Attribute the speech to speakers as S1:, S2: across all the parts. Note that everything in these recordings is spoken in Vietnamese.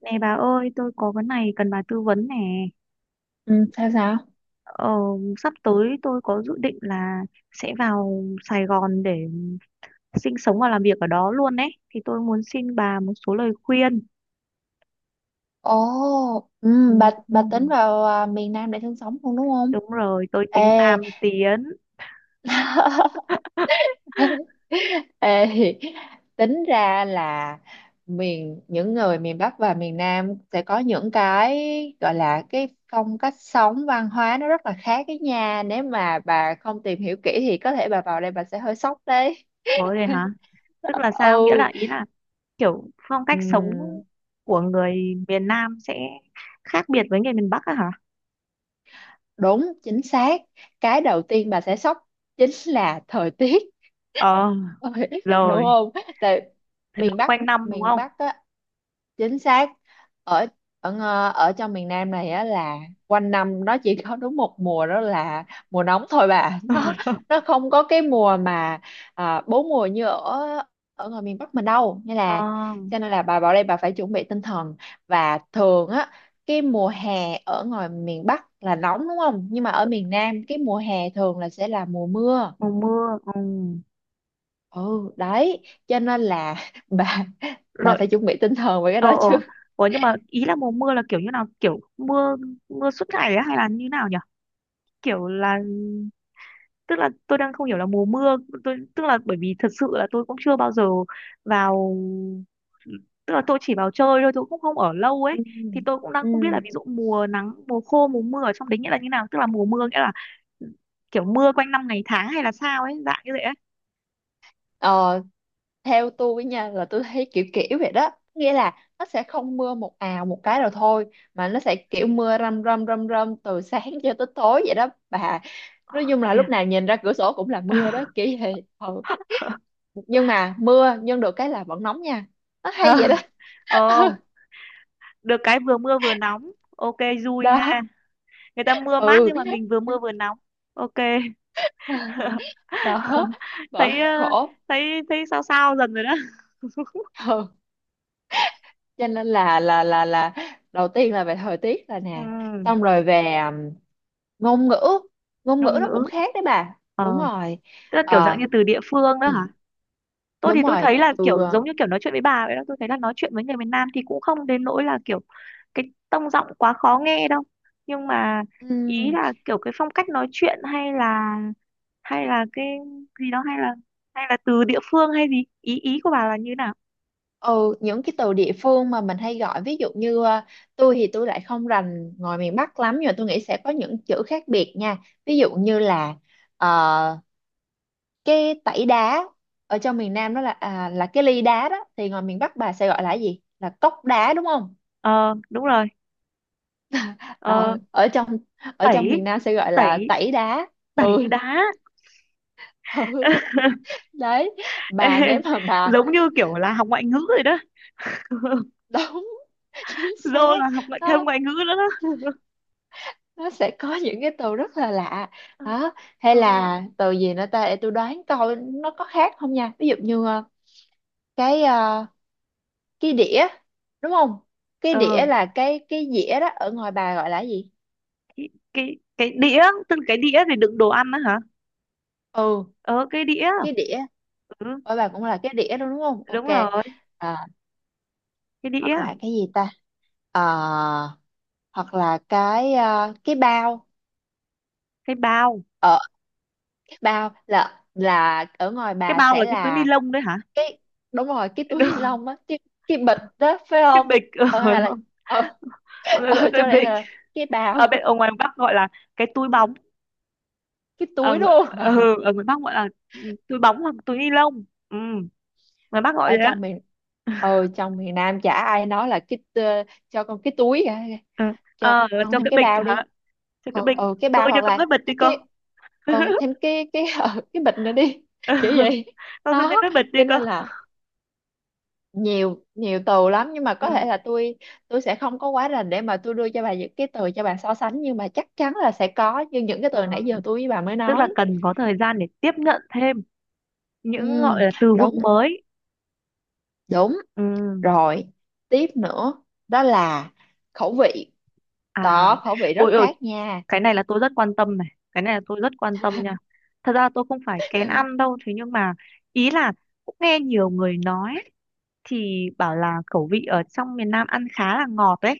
S1: Nè bà ơi, tôi có cái này cần bà tư vấn nè.
S2: Ừ, sao sao?
S1: Ờ, Sắp tới tôi có dự định là sẽ vào Sài Gòn để sinh sống và làm việc ở đó luôn đấy. Thì tôi muốn xin bà một số lời khuyên.
S2: Ồ,
S1: Ừ.
S2: ừ, bà
S1: Ừ,
S2: bà tính vào miền Nam để sinh sống không đúng không?
S1: đúng rồi, tôi tính
S2: Ê,
S1: Nam tiến.
S2: ê, tính ra là những người miền Bắc và miền Nam sẽ có những cái gọi là cái phong cách sống văn hóa nó rất là khác cái nha. Nếu mà bà không tìm hiểu kỹ thì có thể bà vào đây bà sẽ hơi sốc đấy.
S1: Có rồi hả? Tức là sao? Nghĩa là ý là kiểu phong
S2: Ừ.
S1: cách sống của người miền Nam sẽ khác biệt với người miền Bắc á hả?
S2: Đúng, chính xác. Cái đầu tiên bà sẽ sốc chính là thời tiết.
S1: Ờ,
S2: Ôi, đúng
S1: rồi.
S2: không? Tại
S1: Nó
S2: miền Bắc,
S1: quanh năm đúng
S2: miền
S1: không?
S2: Bắc á, chính xác ở ở ng- ở trong miền Nam này á là quanh năm nó chỉ có đúng một mùa đó là mùa nóng thôi bà nó không có cái mùa mà bốn mùa như ở ở ngoài miền Bắc mình đâu nên là
S1: Ờ.
S2: cho nên là bà vào đây bà phải chuẩn bị tinh thần và thường á, cái mùa hè ở ngoài miền Bắc là nóng đúng không, nhưng mà ở miền Nam cái mùa hè thường là sẽ là mùa mưa,
S1: Mùa mưa, ừ.
S2: ừ đấy cho nên là bà bà
S1: Rồi.
S2: phải chuẩn bị tinh thần về cái
S1: ờ
S2: đó
S1: ờ
S2: chứ
S1: Ủa, nhưng mà ý là mùa mưa là kiểu như nào, kiểu mưa mưa suốt ngày á hay là như nào nhỉ, kiểu là, tức là tôi đang không hiểu là mùa mưa, tôi, tức là bởi vì thật sự là tôi cũng chưa bao giờ vào, tức là tôi chỉ vào chơi thôi, tôi cũng không ở lâu
S2: ừ.
S1: ấy. Thì tôi cũng đang
S2: Ừ.
S1: không biết là ví dụ mùa nắng, mùa khô, mùa mưa ở trong đấy nghĩa là như nào, tức là mùa mưa nghĩa là kiểu mưa quanh năm ngày tháng hay là sao ấy, dạng như vậy ấy.
S2: Ờ, theo tôi nha là tôi thấy kiểu kiểu vậy đó, nghĩa là nó sẽ không mưa một ào một cái rồi thôi, mà nó sẽ kiểu mưa râm râm râm râm từ sáng cho tới tối vậy đó bà. Nói chung là lúc
S1: Thiệt.
S2: nào nhìn ra cửa sổ cũng là mưa đó kiểu vậy ừ. Nhưng mà mưa nhưng được cái là vẫn nóng nha, nó hay
S1: ờ
S2: vậy đó.
S1: ờ Được cái vừa mưa vừa nóng. Ok, vui ha.
S2: Đó,
S1: Người ta mưa mát
S2: ừ
S1: nhưng mà mình vừa mưa vừa nóng. Ok.
S2: đó,
S1: thấy
S2: bởi
S1: ờ,
S2: khổ
S1: thấy thấy sao sao dần rồi đó.
S2: ừ. Cho nên là đầu tiên là về thời tiết là nè,
S1: Ừ,
S2: xong rồi về ngôn ngữ, ngôn ngữ
S1: ngôn
S2: nó cũng
S1: ngữ,
S2: khác đấy bà
S1: ờ
S2: đúng rồi.
S1: tức là kiểu dạng
S2: Ờ,
S1: như từ địa phương đó
S2: Ừ,
S1: hả? Tôi
S2: đúng
S1: thì tôi
S2: rồi,
S1: thấy là
S2: từ
S1: kiểu giống như kiểu nói chuyện với bà vậy đó. Tôi thấy là nói chuyện với người miền Nam thì cũng không đến nỗi là kiểu, cái tông giọng quá khó nghe đâu. Nhưng mà ý
S2: ừm,
S1: là kiểu cái phong cách nói chuyện hay là cái gì đó, hay là từ địa phương hay gì, ý ý của bà là như nào?
S2: ừ, những cái từ địa phương mà mình hay gọi, ví dụ như ờ, tôi thì tôi lại không rành ngoài miền Bắc lắm, nhưng mà tôi nghĩ sẽ có những chữ khác biệt nha, ví dụ như là ờ, cái tẩy đá ở trong miền Nam đó là là cái ly đá đó, thì ngoài miền Bắc bà sẽ gọi là cái gì, là cốc đá đúng không,
S1: Ờ, đúng rồi. Ờ,
S2: rồi ở trong, miền
S1: tẩy,
S2: Nam sẽ gọi là
S1: tẩy,
S2: tẩy đá.
S1: tẩy
S2: Ừ,
S1: đá.
S2: ừ đấy,
S1: Ê,
S2: bà nếu mà bà
S1: giống như kiểu là học ngoại ngữ rồi đó.
S2: đúng chính
S1: Dô
S2: xác.
S1: là học thêm
S2: Nó
S1: ngoại ngữ nữa đó.
S2: sẽ có những cái từ rất là lạ đó. Hay
S1: Ờ,
S2: là từ gì nữa ta, để tôi đoán coi nó có khác không nha, ví dụ như cái cái đĩa đúng không, cái
S1: ờ,
S2: đĩa là cái dĩa đó, ở ngoài bà gọi là cái gì?
S1: cái đĩa, tức là cái đĩa để đựng đồ ăn đó hả?
S2: Ừ,
S1: Ờ, cái đĩa.
S2: cái đĩa,
S1: Ừ,
S2: ở bà cũng là cái đĩa đó đúng không, ok.
S1: đúng rồi.
S2: À,
S1: Cái đĩa,
S2: hoặc là cái gì ta, Ờ, hoặc là cái cái bao.
S1: cái bao.
S2: Ờ, bao là ở ngoài
S1: Cái
S2: bà
S1: bao là
S2: sẽ
S1: cái túi ni
S2: là
S1: lông đấy hả?
S2: đúng rồi, cái túi
S1: Đúng,
S2: ni lông á, cái bịch đó phải
S1: cái
S2: không,
S1: bịch. Ờ,
S2: ở ngoài bà là
S1: đúng.
S2: ở,
S1: Gọi là
S2: ở
S1: cái
S2: trong đây
S1: bịch.
S2: là cái bao,
S1: Ở ngoài Bắc gọi là cái túi bóng.
S2: cái túi luôn.
S1: Ở ngoài Bắc gọi là túi bóng hoặc túi ni lông, ngoài Bắc gọi
S2: Ở
S1: vậy á.
S2: trong miền, ừ trong miền Nam chả ai nói là cho con cái túi cả,
S1: Ừ.
S2: cho con
S1: Cho
S2: thêm
S1: cái
S2: cái
S1: bịch
S2: bao đi.
S1: hả? Cho cái
S2: Ờ
S1: bịch.
S2: ờ, cái bao
S1: Tôi cho
S2: hoặc
S1: con cái
S2: là
S1: bịch đi
S2: thêm
S1: cô.
S2: cái, ừ, thêm cái ừ, cái bịch nữa đi,
S1: Ừ.
S2: kiểu vậy.
S1: Con xin thêm
S2: Đó
S1: cái bịch đi
S2: cho
S1: cô.
S2: nên là nhiều nhiều từ lắm, nhưng mà có thể
S1: Ừ.
S2: là tôi sẽ không có quá rành để mà tôi đưa cho bà những cái từ cho bà so sánh, nhưng mà chắc chắn là sẽ có như những cái
S1: Ờ,
S2: từ nãy giờ tôi với bà mới
S1: tức là
S2: nói.
S1: cần có thời gian để tiếp nhận thêm những
S2: Ừ,
S1: gọi là từ
S2: đúng
S1: vựng mới.
S2: đúng
S1: Ừ.
S2: rồi, tiếp nữa đó là khẩu vị,
S1: À,
S2: đó khẩu vị rất
S1: ôi ôi,
S2: khác nha.
S1: cái này là tôi rất quan tâm này, cái này là tôi rất quan tâm nha. Thật ra tôi không phải kén ăn đâu, thế nhưng mà ý là cũng nghe nhiều người nói thì bảo là khẩu vị ở trong miền Nam ăn khá là ngọt đấy.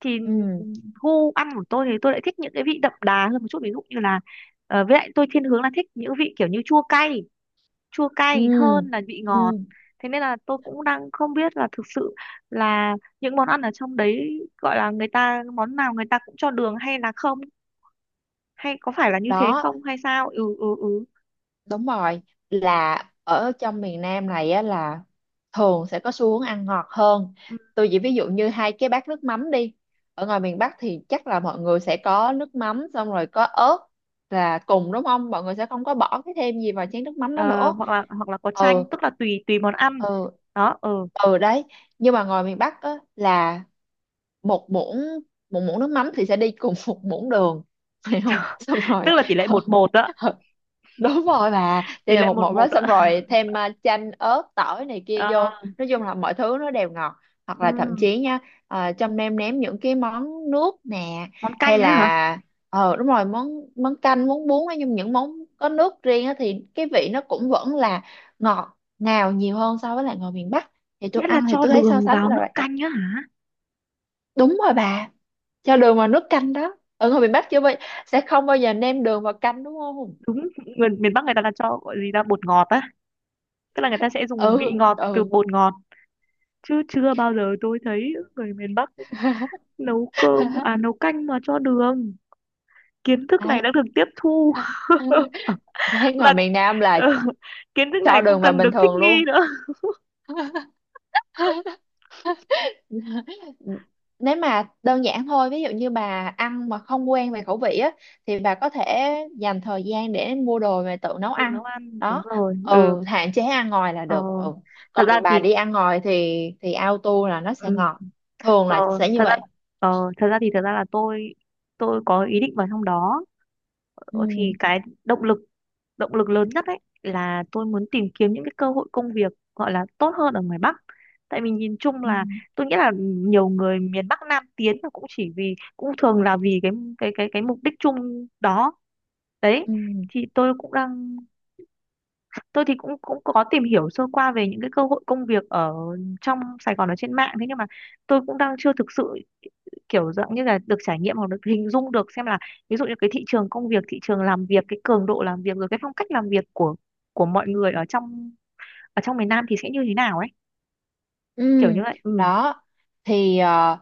S1: Thì
S2: Ừ,
S1: gu ăn của tôi thì tôi lại thích những cái vị đậm đà hơn một chút, ví dụ như là, với lại tôi thiên hướng là thích những vị kiểu như chua cay, chua
S2: ừ,
S1: cay hơn là vị ngọt.
S2: ừ.
S1: Thế nên là tôi cũng đang không biết là thực sự là những món ăn ở trong đấy gọi là người ta món nào người ta cũng cho đường hay là không, hay có phải là như thế
S2: Đó,
S1: không hay sao. Ừ, ừ, ừ.
S2: Đúng rồi, là ở trong miền Nam này á là thường sẽ có xu hướng ăn ngọt hơn.
S1: Ừ,
S2: Tôi chỉ ví dụ như hai cái bát nước mắm đi. Ở ngoài miền Bắc thì chắc là mọi người sẽ có nước mắm xong rồi có ớt là cùng đúng không? Mọi người sẽ không có bỏ cái thêm gì vào chén nước mắm đó
S1: ờ,
S2: nữa.
S1: hoặc là có
S2: Ừ,
S1: chanh, tức là tùy tùy món ăn
S2: ừ,
S1: đó. Ừ.
S2: ừ đấy. Nhưng mà ngoài miền Bắc á là một muỗng một muỗng nước mắm thì sẽ đi cùng một muỗng đường. Phải không? Xong
S1: Tức
S2: rồi
S1: là tỷ lệ một một đó.
S2: đúng rồi bà, đây
S1: Tỷ
S2: là
S1: lệ
S2: một
S1: một
S2: một đó,
S1: một ạ?
S2: xong rồi thêm chanh ớt tỏi này kia
S1: Ờ,
S2: vô. Nói chung là mọi thứ nó đều ngọt, hoặc là thậm
S1: ừm,
S2: chí nha, trong ném những cái món nước nè,
S1: món
S2: hay
S1: canh á hả?
S2: là ờ đúng rồi món món canh món bún, nói nhưng những món có nước riêng á, thì cái vị nó cũng vẫn là ngọt ngào nhiều hơn so với lại ngoài miền Bắc, thì tôi
S1: Nghĩa là
S2: ăn thì
S1: cho
S2: tôi thấy so
S1: đường
S2: sánh
S1: vào
S2: là
S1: nước
S2: vậy.
S1: canh á hả?
S2: Đúng rồi bà, cho đường vào nước canh đó, ở ngoài miền Bắc chưa bao sẽ không bao giờ nêm đường vào canh đúng không,
S1: Đúng. Người miền Bắc người ta là cho gọi gì là bột ngọt á, tức là người ta sẽ dùng
S2: ừ
S1: vị ngọt từ
S2: ừ.
S1: bột ngọt, chứ chưa bao giờ tôi thấy người miền Bắc nấu cơm à nấu canh mà cho đường. Kiến thức này
S2: Đấy,
S1: đã được tiếp thu.
S2: đấy ngoài
S1: Và
S2: miền Nam là
S1: ờ, kiến thức
S2: cho
S1: này cũng
S2: đường vào
S1: cần
S2: bình
S1: được thích
S2: thường luôn.
S1: nghi nữa.
S2: Nếu mà đơn giản thôi, ví dụ như bà ăn mà không quen về khẩu vị á, thì bà có thể dành thời gian để mua đồ về tự nấu
S1: Tự
S2: ăn.
S1: nấu ăn, đúng
S2: Đó,
S1: rồi. Ừ.
S2: ừ, hạn chế ăn ngoài là
S1: ờ,
S2: được ừ.
S1: thật ra
S2: Còn bà
S1: thì
S2: đi ăn ngoài thì auto là nó sẽ
S1: ừ,
S2: ngọt, thường
S1: Ờ,
S2: là sẽ như
S1: thật ra
S2: vậy.
S1: ờ, Thật ra là tôi có ý định vào trong đó.
S2: Ừ
S1: Ờ, thì cái động lực lớn nhất ấy là tôi muốn tìm kiếm những cái cơ hội công việc gọi là tốt hơn ở ngoài Bắc. Tại mình nhìn chung
S2: ừ
S1: là tôi nghĩ là nhiều người miền Bắc Nam tiến là cũng chỉ vì cũng thường là vì cái mục đích chung đó đấy.
S2: ừ,
S1: Thì tôi cũng đang Tôi thì cũng cũng có tìm hiểu sơ qua về những cái cơ hội công việc ở trong Sài Gòn ở trên mạng, thế nhưng mà tôi cũng đang chưa thực sự kiểu dạng như là được trải nghiệm hoặc được hình dung được xem là, ví dụ như cái thị trường công việc, thị trường làm việc, cái cường độ làm việc rồi cái phong cách làm việc của mọi người ở trong miền Nam thì sẽ như thế nào ấy,
S2: Ừ,
S1: kiểu như vậy. Ừ,
S2: đó thì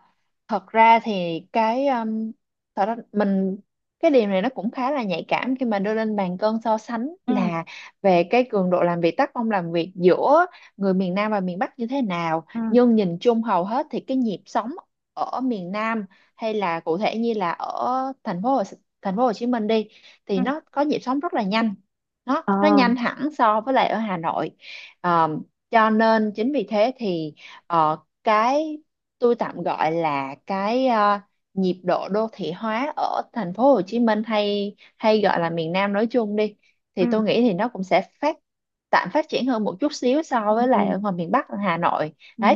S2: thật ra thì cái thật ra mình, cái điều này nó cũng khá là nhạy cảm khi mà đưa lên bàn cân so sánh
S1: ừ,
S2: là về cái cường độ làm việc, tác phong làm việc giữa người miền Nam và miền Bắc như thế nào,
S1: ừ,
S2: nhưng nhìn chung hầu hết thì cái nhịp sống ở miền Nam hay là cụ thể như là ở thành phố Hồ, thành phố Hồ Chí Minh đi,
S1: ừ,
S2: thì nó có nhịp sống rất là nhanh, nó
S1: ờ,
S2: nhanh hẳn so với lại ở Hà Nội. Ờ, cho nên chính vì thế thì Ờ, cái tôi tạm gọi là cái nhịp độ đô thị hóa ở thành phố Hồ Chí Minh hay hay gọi là miền Nam nói chung đi, thì
S1: ừ,
S2: tôi nghĩ thì nó cũng sẽ tạm phát triển hơn một chút xíu so
S1: ừ,
S2: với
S1: ừ,
S2: lại ở ngoài miền Bắc ở Hà Nội.
S1: ừ,
S2: Đấy,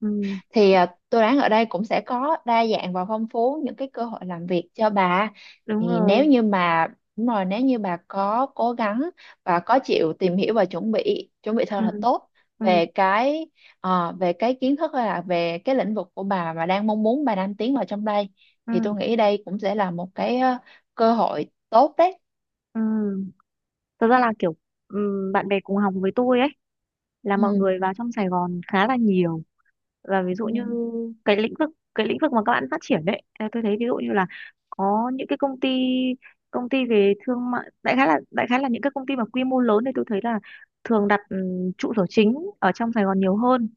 S1: ừ.
S2: thì tôi đoán ở đây cũng sẽ có đa dạng và phong phú những cái cơ hội làm việc cho bà.
S1: Đúng
S2: Thì nếu
S1: rồi.
S2: như mà đúng rồi, nếu như bà có cố gắng và có chịu tìm hiểu và chuẩn bị thật
S1: Ừ,
S2: là tốt
S1: ừ,
S2: về cái về cái kiến thức hay là về cái lĩnh vực của bà mà đang mong muốn bà đang tiến vào trong đây, thì
S1: ừ,
S2: tôi nghĩ đây cũng sẽ là một cái cơ hội tốt đấy.
S1: ừ. Thật ra là kiểu, ừ, bạn bè cùng học với tôi ấy là mọi
S2: Ừ
S1: người vào trong Sài Gòn khá là nhiều. Và ví dụ như
S2: ừ
S1: cái lĩnh vực cái lĩnh vực mà các bạn phát triển đấy, à, tôi thấy ví dụ như là có những cái công ty về thương mại, đại khái là những cái công ty mà quy mô lớn thì tôi thấy là thường đặt trụ sở chính ở trong Sài Gòn nhiều hơn.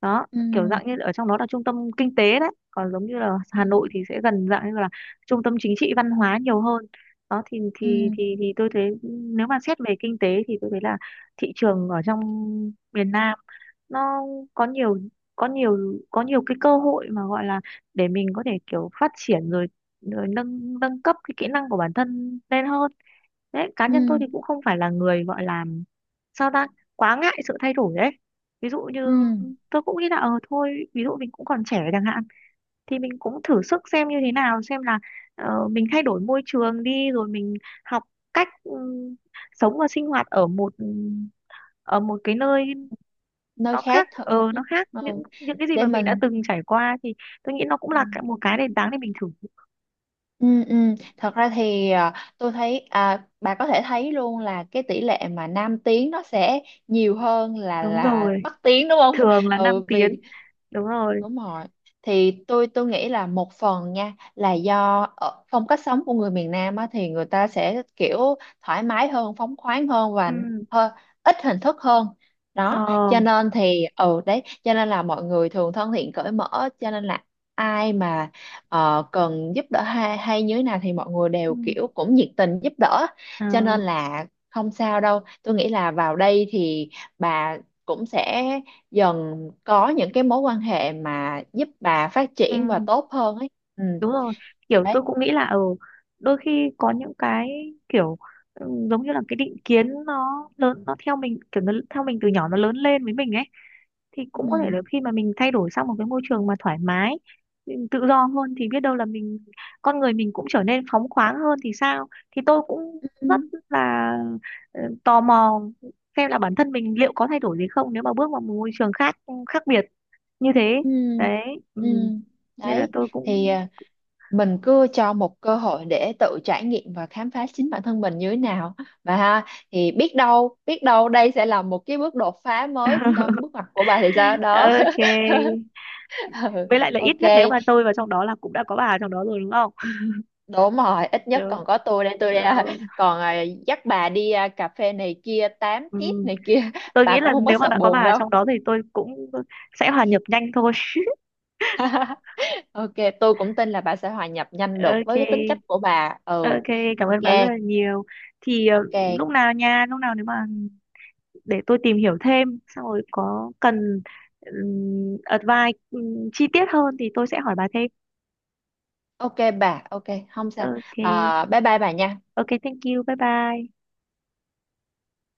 S1: Đó, kiểu
S2: ừ
S1: dạng như ở trong đó là trung tâm kinh tế đấy, còn giống như là
S2: ừ
S1: Hà Nội thì sẽ gần dạng như là trung tâm chính trị văn hóa nhiều hơn. Đó, thì
S2: ừ
S1: thì thì thì tôi thấy, nếu mà xét về kinh tế thì tôi thấy là thị trường ở trong miền Nam nó có nhiều có nhiều có nhiều cái cơ hội mà gọi là để mình có thể kiểu phát triển, rồi rồi nâng nâng cấp cái kỹ năng của bản thân lên hơn. Đấy, cá
S2: ừ
S1: nhân tôi
S2: ừ.
S1: thì cũng không phải là người gọi là, sao ta, quá ngại sự thay đổi đấy. Ví dụ như
S2: Ừ.
S1: tôi cũng nghĩ là thôi, ví dụ mình cũng còn trẻ chẳng hạn, thì mình cũng thử sức xem như thế nào xem là, mình thay đổi môi trường đi rồi mình học cách, sống và sinh hoạt ở một cái nơi
S2: Nơi khác thật
S1: nó khác
S2: ừ.
S1: những cái gì
S2: Để
S1: mà mình đã
S2: mình
S1: từng trải qua, thì tôi nghĩ nó cũng
S2: ừ.
S1: là một cái nền tảng để mình thử.
S2: Ừ, ừ. Thật ra thì tôi thấy bà có thể thấy luôn là cái tỷ lệ mà nam tiếng nó sẽ nhiều hơn là
S1: Đúng rồi,
S2: bắc tiếng đúng không?
S1: thường là năm
S2: Ừ, vì
S1: tiếng. Đúng rồi.
S2: Đúng rồi. Thì tôi nghĩ là một phần nha là do ở phong cách sống của người miền Nam á, thì người ta sẽ kiểu thoải mái hơn, phóng khoáng hơn
S1: Ừ,
S2: và hơi ít hình thức hơn. Đó,
S1: ờ,
S2: cho nên thì ừ đấy, cho nên là mọi người thường thân thiện cởi mở, cho nên là ai mà cần giúp đỡ hay hay như thế nào thì mọi người đều
S1: ừ,
S2: kiểu cũng nhiệt tình giúp đỡ.
S1: ờ,
S2: Cho nên là không sao đâu. Tôi nghĩ là vào đây thì bà cũng sẽ dần có những cái mối quan hệ mà giúp bà phát
S1: ừ.
S2: triển và tốt hơn ấy. Ừ
S1: Đúng rồi, kiểu
S2: đấy
S1: tôi cũng nghĩ là ở đôi khi có những cái kiểu, giống như là cái định kiến nó lớn, nó theo mình, kiểu nó theo mình từ nhỏ nó lớn lên với mình ấy, thì cũng có thể là
S2: ừ
S1: khi mà mình thay đổi sang một cái môi trường mà thoải mái, mình tự do hơn thì biết đâu là mình, con người mình cũng trở nên phóng khoáng hơn thì sao. Thì tôi cũng
S2: ừ
S1: rất là, tò mò xem là bản thân mình liệu có thay đổi gì không nếu mà bước vào một môi trường khác khác biệt như thế
S2: ừ
S1: đấy.
S2: ừ.
S1: Ừ. Nên là
S2: Đấy
S1: tôi
S2: thì
S1: cũng
S2: mình cứ cho một cơ hội để tự trải nghiệm và khám phá chính bản thân mình như thế nào và ha, thì biết đâu đây sẽ là một cái bước đột phá mới trong bước ngoặt của bà thì sao đó.
S1: ok,
S2: Ừ,
S1: với lại là ít
S2: ok.
S1: nhất nếu mà tôi vào trong đó là cũng đã có bà trong đó rồi đúng không.
S2: Đúng rồi, ít nhất
S1: Được.
S2: còn có tôi đây là-
S1: Rồi.
S2: còn dắt bà đi cà phê này kia, tám tiếp
S1: Ừ.
S2: này kia,
S1: Tôi
S2: bà
S1: nghĩ
S2: cũng
S1: là
S2: không có
S1: nếu mà
S2: sợ
S1: đã có
S2: buồn
S1: bà
S2: đâu.
S1: trong đó thì tôi cũng sẽ hòa nhập nhanh thôi.
S2: Ok, tôi cũng tin là bà sẽ hòa nhập nhanh được
S1: Ok,
S2: với cái tính cách của bà. Ừ,
S1: ok, cảm
S2: ok,
S1: ơn bà rất là nhiều. Thì
S2: ok,
S1: lúc nào nha, lúc nào nếu mà để tôi tìm hiểu thêm, xong rồi có cần advice chi tiết hơn thì tôi sẽ hỏi bà thêm.
S2: ok bà, ok, không sao.
S1: Ok,
S2: À, bye bye bà nha.
S1: ok, thank you, bye bye.